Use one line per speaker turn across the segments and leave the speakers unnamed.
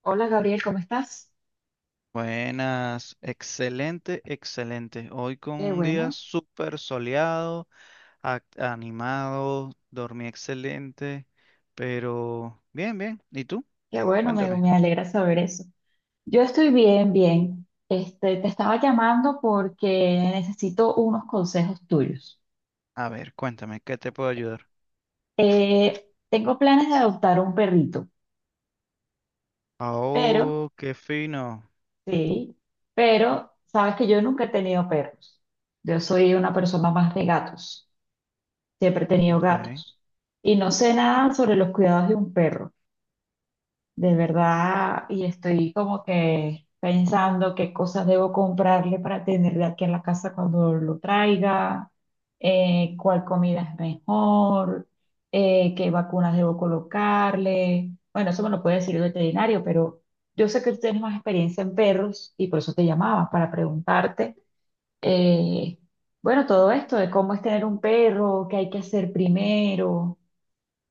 Hola Gabriel, ¿cómo estás?
Buenas, excelente, excelente. Hoy con
Qué
un día
bueno,
súper soleado, animado, dormí excelente, pero bien, bien. ¿Y tú?
qué bueno, me,
Cuéntame.
me alegra saber eso. Yo estoy bien, bien. Este, te estaba llamando porque necesito unos consejos tuyos.
A ver, cuéntame, ¿qué te puedo ayudar?
Tengo planes de adoptar un perrito, pero,
Oh, qué fino.
sí, pero sabes que yo nunca he tenido perros. Yo soy una persona más de gatos, siempre he tenido
Ok.
gatos y no sé nada sobre los cuidados de un perro. De verdad, y estoy como que pensando qué cosas debo comprarle para tenerle aquí en la casa cuando lo traiga, cuál comida es mejor, qué vacunas debo colocarle. Bueno, eso me lo puede decir el veterinario, pero yo sé que tú tienes más experiencia en perros y por eso te llamaba, para preguntarte, eh, bueno, todo esto de cómo es tener un perro, qué hay que hacer primero,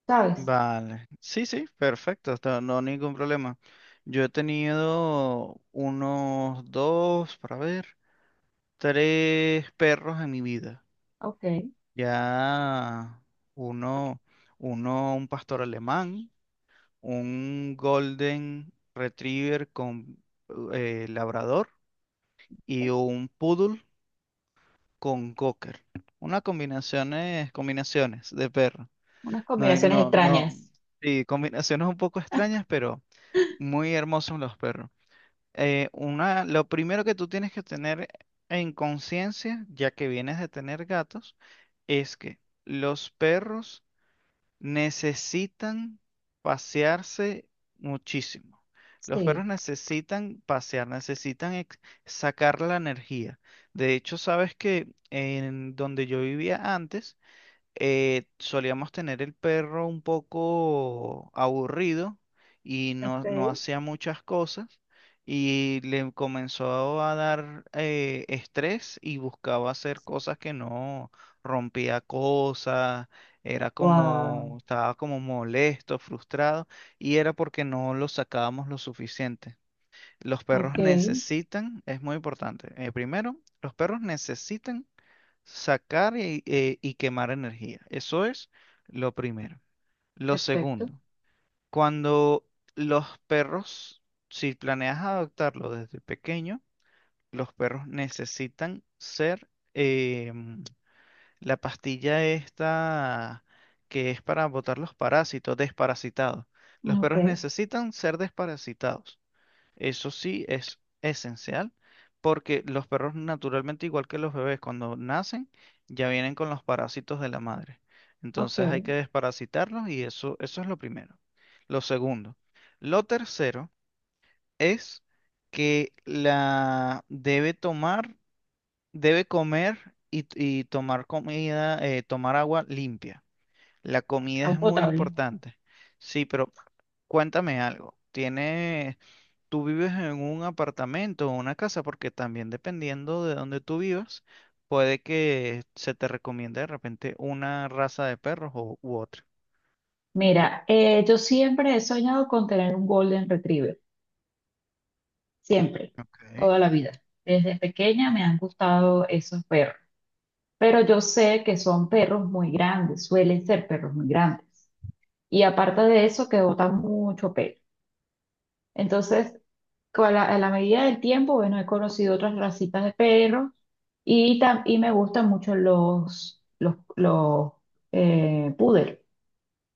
¿sabes?
Vale. Sí, sí, perfecto. No, ningún problema. Yo he tenido unos dos, para ver, tres perros en mi vida.
Ok,
Ya uno, un pastor alemán, un golden retriever con labrador y
ok,
un poodle con cocker. Unas combinaciones, combinaciones de perro.
unas
No,
combinaciones
no, no.
extrañas.
Sí, combinaciones un poco extrañas, pero muy hermosos los perros. Lo primero que tú tienes que tener en conciencia, ya que vienes de tener gatos, es que los perros necesitan pasearse muchísimo. Los
Sí.
perros necesitan pasear, sacar la energía. De hecho, sabes que en donde yo vivía antes, solíamos tener el perro un poco aburrido y no, no
Ok.
hacía muchas cosas y le comenzó a dar estrés y buscaba hacer cosas que no, rompía cosas, era
Wow.
como, estaba como molesto, frustrado y era porque no lo sacábamos lo suficiente. Los perros
Ok.
necesitan, es muy importante, primero, los perros necesitan sacar y quemar energía. Eso es lo primero. Lo
Perfecto.
segundo, cuando los perros, si planeas adoptarlo desde pequeño, los perros necesitan ser em, la pastilla esta que es para botar los parásitos, desparasitados. Los
Ok.
perros necesitan ser desparasitados. Eso sí es esencial porque los perros naturalmente, igual que los bebés, cuando nacen ya vienen con los parásitos de la madre.
Ok.
Entonces hay que desparasitarlos y eso es lo primero. Lo segundo. Lo tercero es que la debe tomar, debe comer y tomar comida, tomar agua limpia. La comida
Ah,
es muy
potable.
importante. Sí, pero cuéntame algo. ¿Tiene Tú vives en un apartamento o una casa, porque también dependiendo de donde tú vivas, puede que se te recomiende de repente una raza de perros u otra.
Mira, yo siempre he soñado con tener un Golden Retriever. Siempre.
Okay.
Toda la vida. Desde pequeña me han gustado esos perros. Pero yo sé que son perros muy grandes. Suelen ser perros muy grandes. Y aparte de eso, que botan mucho pelo. Entonces, a la medida del tiempo, bueno, he conocido otras racitas de perros y, y me gustan mucho los poodle.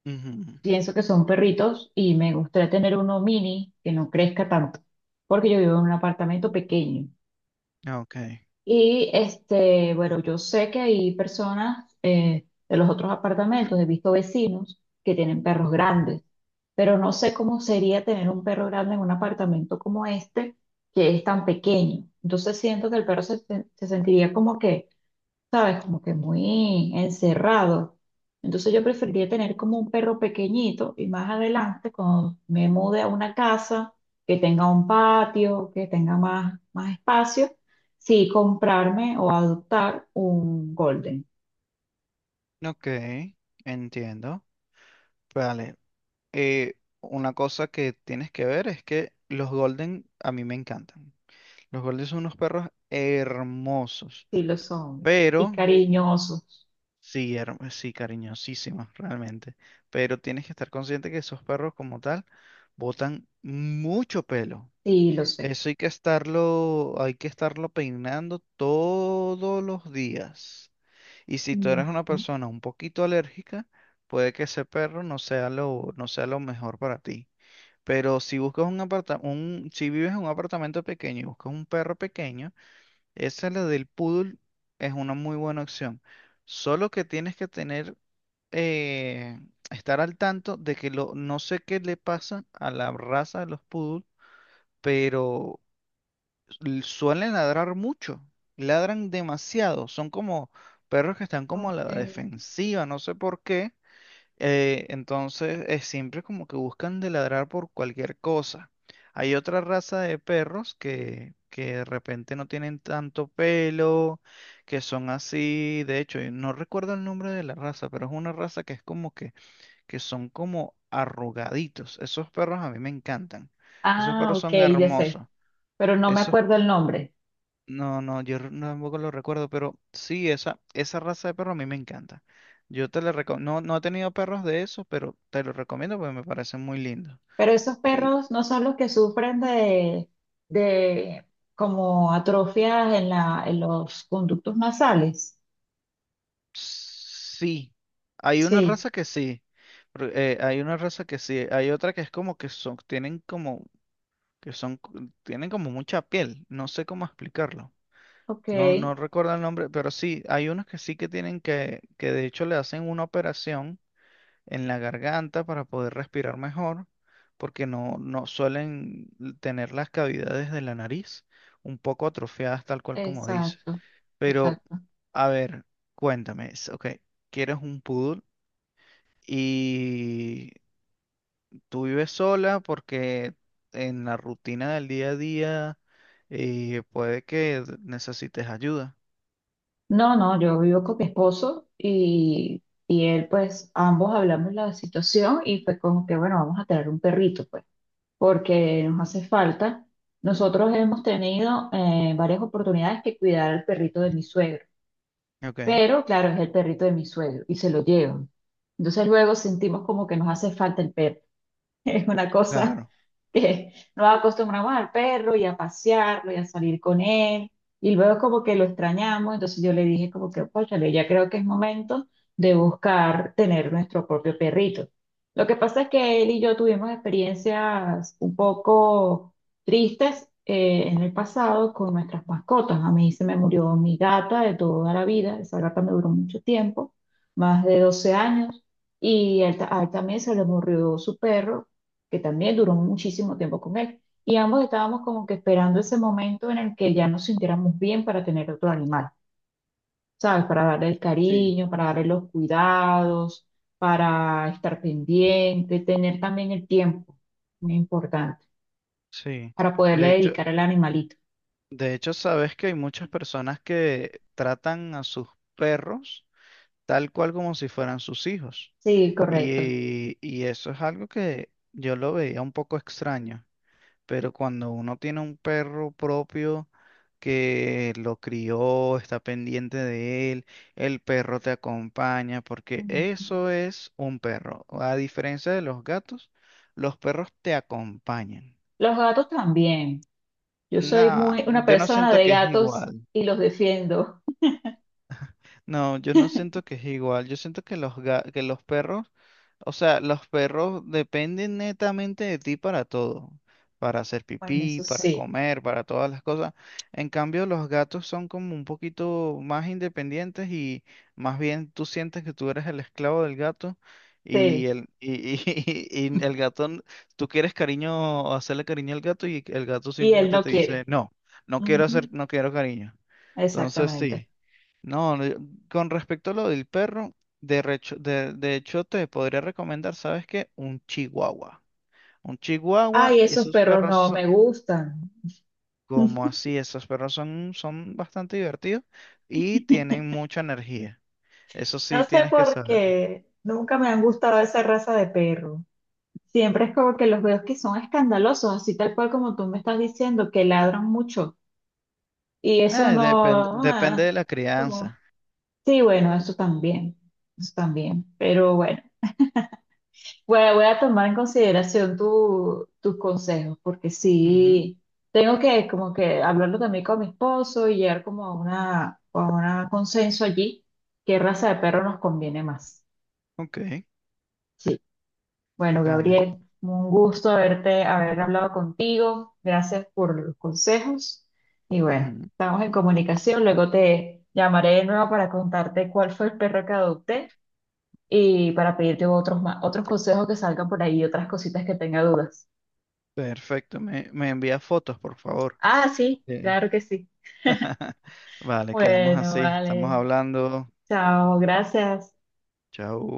Ujú.
Pienso que son perritos y me gustaría tener uno mini que no crezca tanto, porque yo vivo en un apartamento pequeño.
Ok,
Y este, bueno, yo sé que hay personas de los otros apartamentos, he visto vecinos que tienen perros grandes, pero no sé cómo sería tener un perro grande en un apartamento como este, que es tan pequeño. Entonces siento que el perro se sentiría como que ¿sabes? Como que muy encerrado. Entonces yo preferiría tener como un perro pequeñito y más adelante, cuando me mude a una casa que tenga un patio, que tenga más espacio, sí comprarme o adoptar un golden.
ok, entiendo. Vale, eh, una cosa que tienes que ver es que los Golden a mí me encantan. Los Golden son unos perros hermosos,
Sí lo son. Y
pero
cariñosos.
sí, sí, cariñosísimas, realmente. Pero tienes que estar consciente que esos perros como tal botan mucho pelo.
Sí lo sé.
Eso hay que estarlo peinando todos los días. Y si tú eres una
Ujú.
persona un poquito alérgica, puede que ese perro no sea lo, no sea lo mejor para ti. Pero si buscas un si vives en un apartamento pequeño y buscas un perro pequeño, esa la del poodle es una muy buena opción. Solo que tienes que tener eh, estar al tanto de que lo, no sé qué le pasa a la raza de los poodles, pero suelen ladrar mucho, ladran demasiado, son como perros que están como a la
Ok.
defensiva, no sé por qué. Entonces es siempre como que buscan de ladrar por cualquier cosa. Hay otra raza de perros que de repente no tienen tanto pelo, que son así, de hecho, y no recuerdo el nombre de la raza, pero es una raza que es como que son como arrugaditos. Esos perros a mí me encantan. Esos
Ah,
perros
ok,
son
ya sé.
hermosos.
Pero no me
Esos,
acuerdo el nombre.
no, no, no, tampoco lo recuerdo, pero sí, esa raza de perro a mí me encanta. Yo te le recomiendo, no, no he tenido perros de esos, pero te los recomiendo porque me parecen muy lindos.
Pero esos
Y
perros no son los que sufren de como atrofias en en los conductos nasales.
sí, hay una
Sí,
raza que sí. Pero, hay una raza que sí, hay otra que es como que son, tienen como, que son, co- tienen como mucha piel, no sé cómo explicarlo.
ok,
No, no recuerdo el nombre, pero sí, hay unos que sí que tienen que de hecho le hacen una operación en la garganta para poder respirar mejor, porque no, no suelen tener las cavidades de la nariz un poco atrofiadas, tal cual como dices.
exacto,
Pero,
exacto.
a ver, cuéntame, ok, quieres un poodle y tú vives sola porque en la rutina del día a día puede que necesites ayuda.
No, no, yo vivo con mi esposo y él, pues, ambos hablamos la situación y fue como que, bueno, vamos a tener un perrito, pues, porque nos hace falta. Nosotros hemos tenido varias oportunidades que cuidar al perrito de mi suegro.
Ok,
Pero claro, es el perrito de mi suegro y se lo llevan. Entonces luego sentimos como que nos hace falta el perro. Es una cosa
claro.
que nos acostumbramos al perro y a pasearlo y a salir con él. Y luego como que lo extrañamos, entonces yo le dije como que, cónchale, ya creo que es momento de buscar tener nuestro propio perrito. Lo que pasa es que él y yo tuvimos experiencias un poco tristes en el pasado con nuestras mascotas. A mí se me murió mi gata de toda la vida, esa gata me duró mucho tiempo, más de 12 años. Y a él también se le murió su perro que también duró muchísimo tiempo con él. Y ambos estábamos como que esperando ese momento en el que ya nos sintiéramos bien para tener otro animal, ¿sabes? Para darle el cariño, para darle los cuidados, para estar pendiente, tener también el tiempo, muy importante,
Sí,
para poderle
de hecho,
dedicar al animalito.
de hecho sabes que hay muchas personas que tratan a sus perros tal cual como si fueran sus hijos.
Sí, correcto.
Y eso es algo que yo lo veía un poco extraño, pero cuando uno tiene un perro propio que lo crió, está pendiente de él, el perro te acompaña, porque
Ujú.
eso es un perro. A diferencia de los gatos, los perros te acompañan.
Los gatos también. Yo soy
No,
muy una
yo no
persona
siento
de
que es
gatos
igual.
y los defiendo.
No, yo no siento que es igual. Yo siento que los que los perros, o sea, los perros dependen netamente de ti para todo, para hacer
Bueno,
pipí,
eso
para
sí,
comer, para todas las cosas. En cambio, los gatos son como un poquito más independientes y más bien tú sientes que tú eres el esclavo del gato y
sí.
y y el gato, tú quieres cariño, hacerle cariño al gato y el gato
Y él
simplemente
no
te dice,
quiere.
"No, no quiero hacer,
Ujú,
no quiero cariño." Entonces
exactamente.
sí. No, no, con respecto a lo del perro, de hecho te podría recomendar, ¿sabes qué? Un chihuahua. Un chihuahua,
Ay, esos
esos
perros
perros
no
son,
me gustan.
como así, esos perros son, son bastante divertidos y tienen mucha energía. Eso
No
sí
sé
tienes que
por
saber.
qué, nunca me han gustado esa raza de perro. Siempre es como que los veo que son escandalosos, así tal cual como tú me estás diciendo, que ladran mucho. Y eso
Depende,
no,
depende de
ah,
la
como,
crianza.
sí, bueno, eso también, eso también. Pero bueno. Voy a tomar en consideración tus consejos, porque
Ujú.
sí, tengo que como que hablarlo también con mi esposo y llegar como a a una consenso allí, qué raza de perro nos conviene más.
Ok,
Sí. Bueno,
vale.
Gabriel, un gusto haber hablado contigo. Gracias por los consejos. Y bueno,
Ujú.
estamos en comunicación. Luego te llamaré de nuevo para contarte cuál fue el perro que adopté y para pedirte otros consejos que salgan por ahí y otras cositas que tenga dudas.
Perfecto, me envía fotos, por favor.
Ah, sí,
Eh.
claro que sí.
Vale, quedamos
Bueno,
así. Estamos
vale.
hablando.
Chao, gracias.
Chao.